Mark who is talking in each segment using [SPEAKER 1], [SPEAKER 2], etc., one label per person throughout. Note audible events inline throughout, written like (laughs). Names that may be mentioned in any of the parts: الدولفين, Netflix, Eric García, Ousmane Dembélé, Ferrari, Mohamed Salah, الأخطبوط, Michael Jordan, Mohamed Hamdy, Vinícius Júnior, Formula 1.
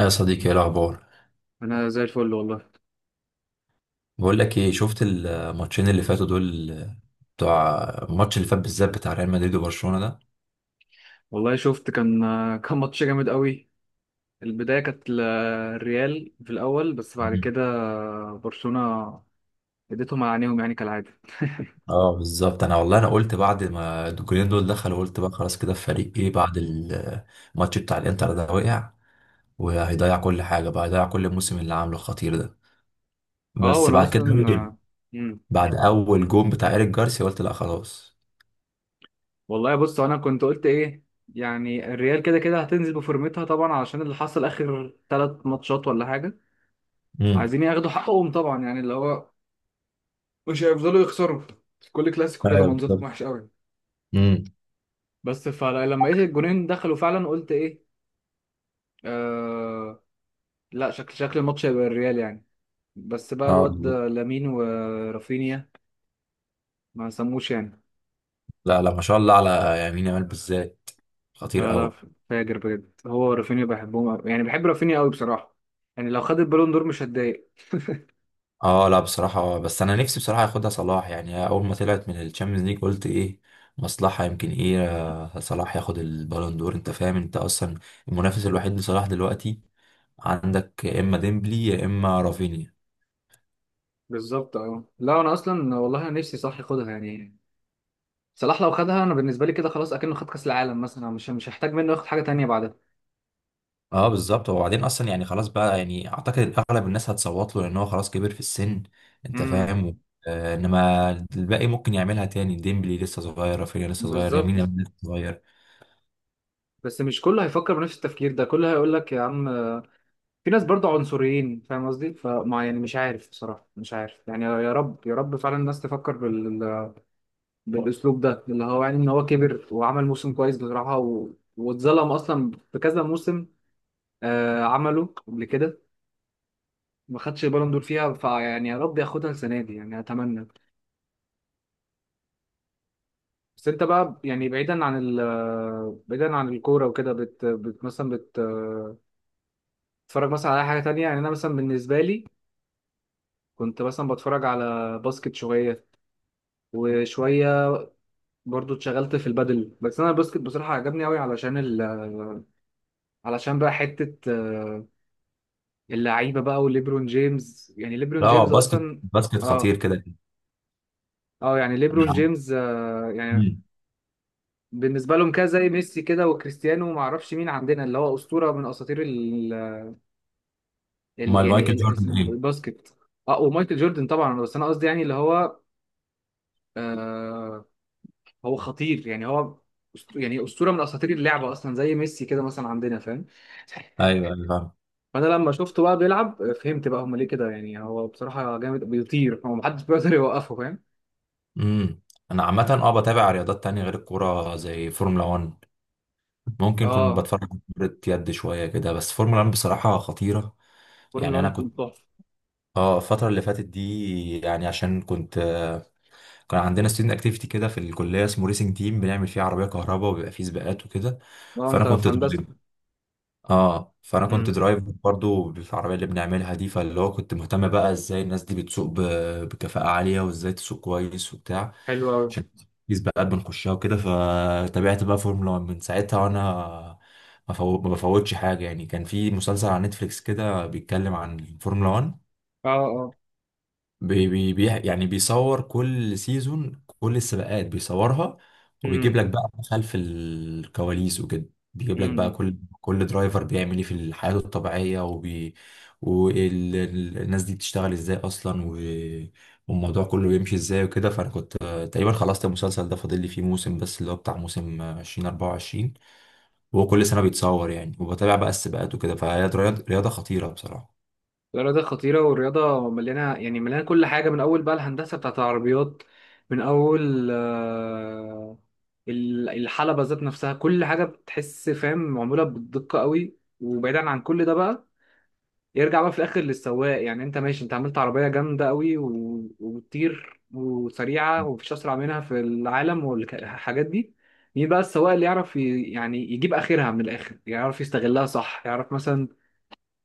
[SPEAKER 1] يا صديقي ايه الاخبار؟
[SPEAKER 2] انا زي الفل والله.
[SPEAKER 1] بقول لك ايه، شفت الماتشين اللي فاتوا دول؟ بتوع الماتش اللي فات بالذات، بتاع ريال مدريد وبرشلونة ده.
[SPEAKER 2] والله شفت. كان ماتش جامد قوي. البدايه كانت الريال في الاول، بس بعد
[SPEAKER 1] مم.
[SPEAKER 2] كده برشلونه اديتهم على عينيهم يعني كالعاده.
[SPEAKER 1] اه بالظبط. انا والله انا قلت بعد ما الجولين دول دخلوا، قلت بقى خلاص، كده الفريق ايه بعد الماتش بتاع الانتر ده وقع، وهيضيع كل حاجه، بقى هيضيع كل الموسم اللي عامله الخطير ده.
[SPEAKER 2] اه
[SPEAKER 1] بس
[SPEAKER 2] وانا
[SPEAKER 1] بعد
[SPEAKER 2] اصلا
[SPEAKER 1] كده أوكي.
[SPEAKER 2] امم
[SPEAKER 1] بعد اول جون بتاع ايريك جارسيا قلت لا خلاص.
[SPEAKER 2] والله بص، انا كنت قلت ايه؟ يعني الريال كده كده هتنزل بفورمتها طبعا، علشان اللي حصل اخر ثلاث ماتشات ولا حاجه.
[SPEAKER 1] امم.
[SPEAKER 2] عايزين ياخدوا حقهم طبعا، يعني اللي هو مش هيفضلوا يخسروا كل كلاسيكو كده،
[SPEAKER 1] ايوه
[SPEAKER 2] منظرهم
[SPEAKER 1] بالظبط.
[SPEAKER 2] وحش قوي.
[SPEAKER 1] امم.
[SPEAKER 2] بس فلما لقيت الجونين دخلوا فعلا قلت ايه؟ آه، لا، شكل الماتش هيبقى الريال يعني. بس بقى
[SPEAKER 1] اه
[SPEAKER 2] الواد
[SPEAKER 1] بالظبط.
[SPEAKER 2] ده لامين ورافينيا ما سموش يعني.
[SPEAKER 1] لا لا ما شاء الله، على يمين يامال بالذات، خطير
[SPEAKER 2] لا لا،
[SPEAKER 1] قوي.
[SPEAKER 2] فاجر بجد، هو ورافينيا بحبهم أوي. يعني بحب رافينيا قوي بصراحة، يعني لو خد البالون دور مش هتضايق.
[SPEAKER 1] اه لا بصراحة بس انا نفسي بصراحة ياخدها صلاح يعني. اول ما طلعت من الشامبيونز ليج قلت ايه، مصلحة، يمكن ايه صلاح ياخد البالون دور. انت فاهم انت اصلا؟ المنافس الوحيد لصلاح دلوقتي عندك، يا اما ديمبلي يا اما رافينيا.
[SPEAKER 2] بالظبط. اه لا، انا اصلا والله انا نفسي صح ياخدها يعني. صلاح لو خدها، انا بالنسبة لي كده خلاص اكنه خد كاس العالم مثلا، مش هحتاج منه ياخد حاجة تانية بعدها.
[SPEAKER 1] اه بالظبط. وبعدين اصلا يعني خلاص بقى، يعني اعتقد اغلب الناس هتصوت له لان هو خلاص كبر في السن. انت
[SPEAKER 2] امم.
[SPEAKER 1] فاهم؟ آه انما الباقي ممكن يعملها تاني، ديمبلي لسه صغير، رافينيا لسه صغير، يمين
[SPEAKER 2] بالظبط.
[SPEAKER 1] يامال لسه صغير.
[SPEAKER 2] بس مش كله هيفكر بنفس التفكير ده، كله هيقول لك يا عم في ناس برضه عنصريين، فاهم قصدي؟ فما يعني مش عارف بصراحة، مش عارف يعني. يا رب يا رب فعلا الناس تفكر بالأسلوب ده، اللي هو يعني إن هو كبر وعمل موسم كويس بصراحة، و... واتظلم أصلا في كذا موسم. عمله قبل كده، ما خدش البالون دور فيها. فيعني يا رب ياخدها السنة دي يعني، أتمنى. بس أنت بقى، يعني بعيدا عن بعيدا عن الكورة وكده، بت... بت... مثلا بت... آه، بتتفرج مثلا على أي حاجة تانية؟ يعني أنا مثلا بالنسبة لي كنت مثلا بتفرج على باسكت شوية، وشوية برضو اتشغلت في البادل. بس انا الباسكت بصراحه عجبني قوي، علشان علشان بقى حته اللعيبه بقى وليبرون جيمس، يعني ليبرون
[SPEAKER 1] لا هو
[SPEAKER 2] جيمس
[SPEAKER 1] باسكت،
[SPEAKER 2] اصلا.
[SPEAKER 1] باسكت خطير
[SPEAKER 2] اه
[SPEAKER 1] كده.
[SPEAKER 2] اه، يعني ليبرون جيمس يعني
[SPEAKER 1] مم.
[SPEAKER 2] بالنسبه لهم كده زي ميسي كده وكريستيانو، وما اعرفش مين عندنا اللي هو اسطوره من اساطير ال
[SPEAKER 1] امال
[SPEAKER 2] يعني
[SPEAKER 1] مايكل
[SPEAKER 2] ال-
[SPEAKER 1] جوردن ايه؟
[SPEAKER 2] الباسكت. اه ومايكل جوردن طبعا. بس انا قصدي يعني اللي هو آه هو خطير، يعني هو يعني اسطوره من اساطير اللعبه اصلا، زي ميسي كده مثلا عندنا، فاهم؟
[SPEAKER 1] ايوه ايوه فاهم.
[SPEAKER 2] فانا لما شفته بقى بيلعب فهمت بقى هم ليه كده، يعني هو بصراحه جامد، بيطير، هو محدش بيقدر يوقفه، فاهم.
[SPEAKER 1] امم. انا عامه اه بتابع رياضات تانية غير الكوره، زي فورمولا 1. ممكن كنت
[SPEAKER 2] اه.
[SPEAKER 1] بتفرج على كرة يد شويه كده، بس فورمولا 1 بصراحه خطيره.
[SPEAKER 2] فورمولا
[SPEAKER 1] يعني انا
[SPEAKER 2] 1
[SPEAKER 1] كنت
[SPEAKER 2] تحفه.
[SPEAKER 1] اه الفتره اللي فاتت دي يعني عشان كنت كان عندنا ستودنت اكتيفيتي كده في الكليه اسمه ريسنج تيم، بنعمل فيه عربيه كهرباء وبيبقى فيه سباقات وكده.
[SPEAKER 2] اه
[SPEAKER 1] فانا
[SPEAKER 2] انت
[SPEAKER 1] كنت
[SPEAKER 2] في
[SPEAKER 1] ضد.
[SPEAKER 2] هندسه.
[SPEAKER 1] اه فانا كنت
[SPEAKER 2] امم
[SPEAKER 1] درايف برضو بالعربيه اللي بنعملها دي، فاللي هو كنت مهتم بقى ازاي الناس دي بتسوق بكفاءه عاليه، وازاي تسوق كويس وبتاع،
[SPEAKER 2] حلو قوي.
[SPEAKER 1] عشان سباقات بنخشها وكده. فتابعت بقى فورمولا 1 من ساعتها، وانا ما بفوتش حاجه يعني. كان في مسلسل على نتفليكس كده بيتكلم عن الفورمولا 1،
[SPEAKER 2] اه. اه.
[SPEAKER 1] يعني بيصور كل سيزون، كل السباقات بيصورها، وبيجيب
[SPEAKER 2] امم.
[SPEAKER 1] لك بقى خلف الكواليس وكده، بيجيب
[SPEAKER 2] امم.
[SPEAKER 1] لك بقى
[SPEAKER 2] إمم.
[SPEAKER 1] كل درايفر بيعمل ايه في حياته الطبيعية، وبي والناس دي بتشتغل ازاي اصلا، و... والموضوع كله بيمشي ازاي وكده. فانا كنت تقريبا خلصت المسلسل ده، فاضل لي فيه موسم بس، اللي هو بتاع موسم 2024. وهو كل سنة بيتصور يعني، وبتابع بقى السباقات وكده. فهي رياضة خطيرة بصراحة.
[SPEAKER 2] الرياضه خطيره، والرياضه مليانه، يعني مليانه كل حاجه، من اول بقى الهندسه بتاعت العربيات، من اول الحلبة ذات نفسها، كل حاجة بتحس فاهم معمولة بالدقة قوي. وبعيدا عن كل ده بقى، يرجع بقى في الاخر للسواق، يعني انت ماشي، انت عملت عربيه جامده قوي و... وبتطير وسريعه ومفيش اسرع منها في العالم والحاجات دي، مين بقى السواق اللي يعرف يعني يجيب اخرها من الاخر، يعرف يستغلها صح، يعرف مثلا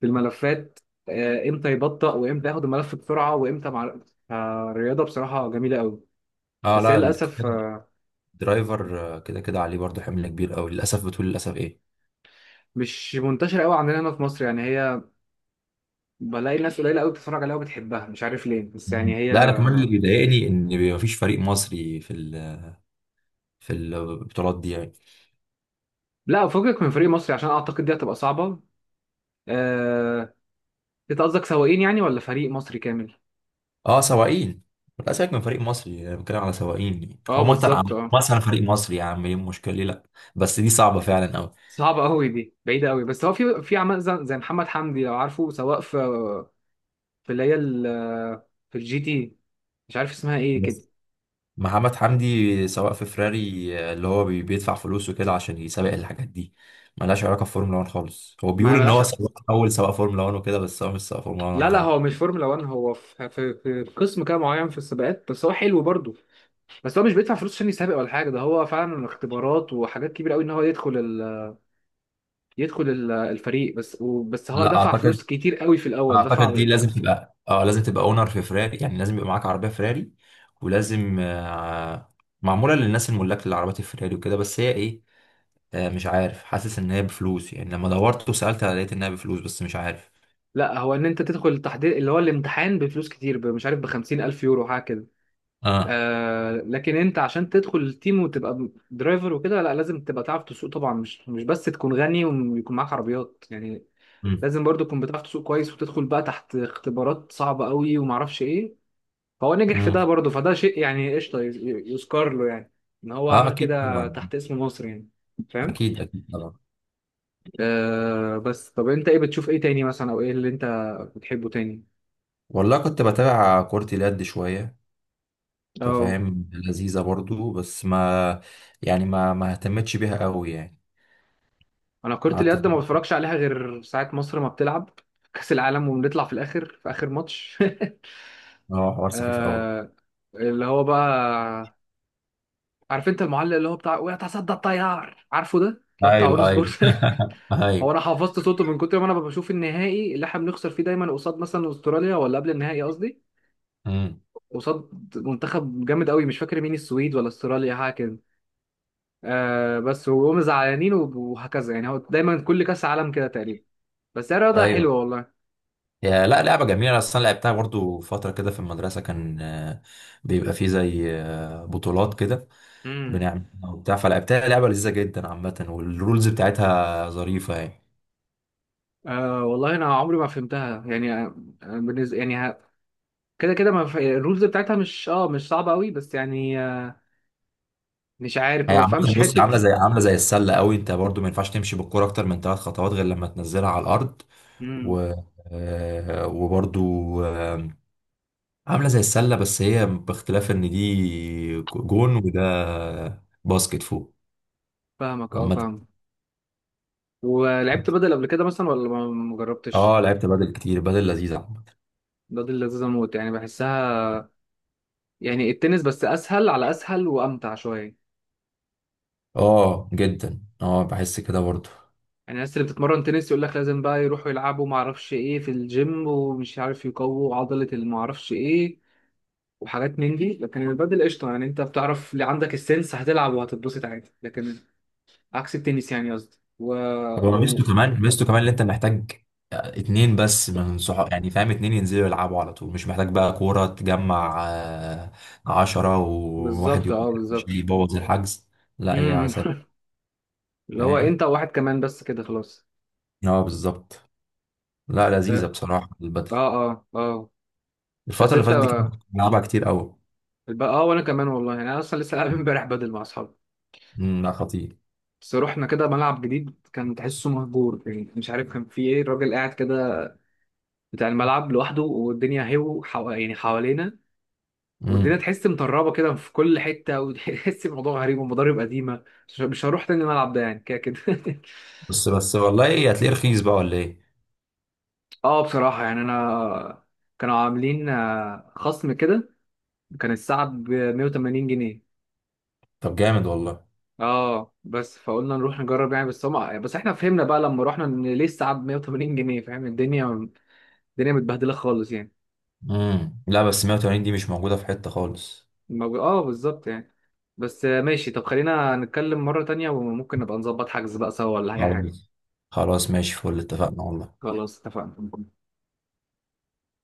[SPEAKER 2] في الملفات امتى يبطأ وامتى ياخد الملف بسرعه، وامتى مع الرياضه بصراحه جميله قوي.
[SPEAKER 1] اه
[SPEAKER 2] بس هي
[SPEAKER 1] لا
[SPEAKER 2] للاسف
[SPEAKER 1] درايفر كده كده عليه برضه حمل كبير قوي للاسف. بتقول للاسف ايه؟
[SPEAKER 2] مش منتشره قوي عندنا هنا في مصر، يعني هي بلاقي الناس قليله قوي بتتفرج عليها وبتحبها، مش عارف ليه، بس يعني
[SPEAKER 1] مم.
[SPEAKER 2] هي.
[SPEAKER 1] لا انا كمان اللي بيضايقني ان بيبقى مفيش فريق مصري في ال، في البطولات دي يعني.
[SPEAKER 2] لا، فكك من فريق مصري عشان اعتقد دي هتبقى صعبه. آه... انت قصدك سواقين يعني ولا فريق مصري كامل؟
[SPEAKER 1] اه سواقين. لا سيبك من فريق مصري، انا بتكلم على سواقين يعني.
[SPEAKER 2] اه
[SPEAKER 1] او مثلا
[SPEAKER 2] بالظبط اه.
[SPEAKER 1] مثلا فريق مصري، يا عم ايه المشكله؟ ليه لا؟ بس دي صعبه فعلا قوي.
[SPEAKER 2] صعبة قوي دي، بعيدة قوي. بس هو في عمال زي محمد حمدي، لو عارفه، سواق في في اللي هي ال- في الجي تي، مش عارف اسمها ايه كده.
[SPEAKER 1] بس محمد حمدي سواق في فراري اللي هو بيدفع فلوسه كده عشان يسابق الحاجات دي، ملهاش علاقه بفورمولا 1 خالص. هو
[SPEAKER 2] ما
[SPEAKER 1] بيقول ان
[SPEAKER 2] ملهاش.
[SPEAKER 1] هو سواق، اول سواق فورمولا 1 وكده، بس هو مش سواق فورمولا 1
[SPEAKER 2] لا
[SPEAKER 1] ولا
[SPEAKER 2] لا،
[SPEAKER 1] حاجه.
[SPEAKER 2] هو مش فورمولا 1، هو في قسم كده معين في السباقات. بس هو حلو برضه. بس هو مش بيدفع فلوس عشان يسابق ولا حاجة، ده هو فعلا اختبارات وحاجات كبيرة قوي ان هو يدخل الفريق بس. بس هو
[SPEAKER 1] لا
[SPEAKER 2] دفع فلوس
[SPEAKER 1] اعتقد،
[SPEAKER 2] كتير قوي في الاول، دفع.
[SPEAKER 1] اعتقد دي لازم تبقى اه لازم تبقى اونر في فراري، يعني لازم يبقى معاك عربيه فراري، ولازم معموله للناس الملاك للعربيات الفراري وكده. بس هي ايه مش عارف، حاسس ان هي بفلوس يعني. لما دورت وسالت لقيت انها بفلوس، بس مش عارف.
[SPEAKER 2] لا، هو ان انت تدخل التحضير اللي هو الامتحان بفلوس كتير، مش عارف، ب 50,000 يورو حاجه كده.
[SPEAKER 1] اه.
[SPEAKER 2] آه لكن انت عشان تدخل التيم وتبقى درايفر وكده، لا، لازم تبقى تعرف تسوق طبعا، مش بس تكون غني ويكون معاك عربيات يعني.
[SPEAKER 1] امم.
[SPEAKER 2] لازم برضو تكون بتعرف تسوق كويس، وتدخل بقى تحت اختبارات صعبه قوي ومعرفش ايه. فهو نجح في
[SPEAKER 1] امم.
[SPEAKER 2] ده برضو، فده شيء يعني قشطه، يذكر له يعني، ان هو
[SPEAKER 1] اه
[SPEAKER 2] عمل
[SPEAKER 1] اكيد
[SPEAKER 2] كده
[SPEAKER 1] طبعا.
[SPEAKER 2] تحت اسم مصر يعني. فاهم.
[SPEAKER 1] اكيد اكيد طبعا.
[SPEAKER 2] بس طب انت ايه بتشوف ايه تاني مثلا، او ايه اللي انت بتحبه تاني؟
[SPEAKER 1] والله كنت بتابع كرة اليد شويه. انت
[SPEAKER 2] اه،
[SPEAKER 1] فاهم لذيذه برضو، بس ما، يعني ما اهتمتش بيها قوي يعني.
[SPEAKER 2] انا كرة
[SPEAKER 1] قعدت
[SPEAKER 2] اليد ما بتفرجش عليها غير ساعة مصر ما بتلعب كأس العالم، وبنطلع في الاخر في اخر ماتش.
[SPEAKER 1] اه حوار
[SPEAKER 2] (laughs)
[SPEAKER 1] سخيف قوي.
[SPEAKER 2] آه، اللي هو بقى عارف انت المعلق اللي هو بتاع ويتصدى الطيار، عارفه ده اللي هو بتاع اون
[SPEAKER 1] ايوه ايوه.
[SPEAKER 2] سبورت.
[SPEAKER 1] (laughs)
[SPEAKER 2] (laughs) هو
[SPEAKER 1] ايوه.
[SPEAKER 2] انا حفظت صوته من كتر ما انا بشوف النهائي اللي احنا بنخسر فيه دايما قصاد مثلا استراليا، ولا قبل النهائي قصدي،
[SPEAKER 1] امم.
[SPEAKER 2] قصاد منتخب جامد قوي مش فاكر مين، السويد ولا استراليا حاجه كده. آه بس وهم زعلانين وهكذا، يعني هو دايما كل كاس عالم كده تقريبا. بس هي رياضه
[SPEAKER 1] ايوه
[SPEAKER 2] حلوه والله.
[SPEAKER 1] يا، لا لعبه جميله اصلا، لعبتها برضو فتره كده في المدرسه، كان بيبقى فيه زي بطولات كده بنعمل وبتاع، فلعبتها لعبه لذيذه جدا عامه، والرولز بتاعتها ظريفه يعني.
[SPEAKER 2] والله انا عمري ما فهمتها يعني. بالنسبه يعني ه- كده كده ما ف... الرولز بتاعتها مش صعبه قوي، بس يعني مش عارف،
[SPEAKER 1] هي
[SPEAKER 2] ما
[SPEAKER 1] عامه
[SPEAKER 2] بفهمش
[SPEAKER 1] بص،
[SPEAKER 2] حته.
[SPEAKER 1] عامله زي، عامله زي السله قوي، انت برضو ما ينفعش تمشي بالكوره اكتر من ثلاث خطوات غير لما تنزلها على الارض،
[SPEAKER 2] امم.
[SPEAKER 1] و وبرضو عامله زي السله، بس هي باختلاف ان دي جون وده باسكت فوق.
[SPEAKER 2] فاهمك. اه
[SPEAKER 1] عامه
[SPEAKER 2] فاهم. ولعبت بدل قبل كده مثلا ولا ما جربتش؟
[SPEAKER 1] اه لعبت بدل كتير، بدل لذيذة عامة.
[SPEAKER 2] بدل لذيذه موت يعني، بحسها يعني، التنس بس اسهل، على اسهل وامتع شويه.
[SPEAKER 1] اه جدا، اه بحس كده برضه.
[SPEAKER 2] يعني الناس اللي بتتمرن تنس يقول لك لازم بقى يروحوا يلعبوا ما اعرفش ايه في الجيم، ومش عارف يقووا عضله اللي ما اعرفش ايه، وحاجات من دي. لكن البادل قشطة، يعني انت بتعرف اللي عندك السنس هتلعب وهتتبسط عادي. لكن عكس التنس يعني قصدي و...
[SPEAKER 1] هو ميزته
[SPEAKER 2] و...
[SPEAKER 1] كمان، ميزته كمان اللي انت محتاج اتنين بس من صحاب يعني، فاهم، اتنين ينزلوا يلعبوا على طول، مش محتاج بقى كورة تجمع عشرة، وواحد
[SPEAKER 2] بالظبط
[SPEAKER 1] يقول
[SPEAKER 2] اه
[SPEAKER 1] لك مش،
[SPEAKER 2] بالظبط.
[SPEAKER 1] يبوظ الحجز. لا هي
[SPEAKER 2] امم.
[SPEAKER 1] سهلة.
[SPEAKER 2] (laughs) اللي هو
[SPEAKER 1] فاهم؟
[SPEAKER 2] انت وواحد كمان بس كده خلاص.
[SPEAKER 1] اه بالظبط. لا لذيذة
[SPEAKER 2] اه
[SPEAKER 1] بصراحة البدل.
[SPEAKER 2] اه اه آه.
[SPEAKER 1] الفترة
[SPEAKER 2] بس
[SPEAKER 1] اللي
[SPEAKER 2] انت
[SPEAKER 1] فاتت دي كنت بلعبها كتير قوي.
[SPEAKER 2] اه، وانا كمان والله، يعني انا اصلا لسه لاعب امبارح بدل مع اصحابي.
[SPEAKER 1] امم. لا خطير.
[SPEAKER 2] بس رحنا كده ملعب جديد كان تحسه مهجور، يعني مش عارف كان فيه ايه، الراجل قاعد كده بتاع الملعب لوحده، والدنيا يعني حوالينا، والدنيا
[SPEAKER 1] امم.
[SPEAKER 2] تحس مطربه كده في كل حته، وتحس الموضوع غريب، ومضارب قديمه. مش هروح تاني الملعب ده يعني كده كده. (laughs)
[SPEAKER 1] بس بس والله ايه، هتلاقيه رخيص بقى ولا ايه؟
[SPEAKER 2] اه بصراحه يعني انا كانوا عاملين خصم كده، كان الساعه ب 180 جنيه.
[SPEAKER 1] طب جامد والله.
[SPEAKER 2] اه بس فقلنا نروح نجرب يعني. بس هم بس احنا فهمنا بقى لما رحنا ان ليه الساعه ب 180 جنيه، فاهم؟ الدنيا متبهدله خالص يعني.
[SPEAKER 1] امم. لا بس 180 دي مش موجودة في حتة خالص.
[SPEAKER 2] اه بالظبط يعني. بس ماشي. طب خلينا نتكلم مره تانية، وممكن نبقى نظبط حجز بقى سوا، ولا اي حاجه.
[SPEAKER 1] خلاص. خلاص ماشي فل، اتفقنا والله.
[SPEAKER 2] خلاص اتفقنا.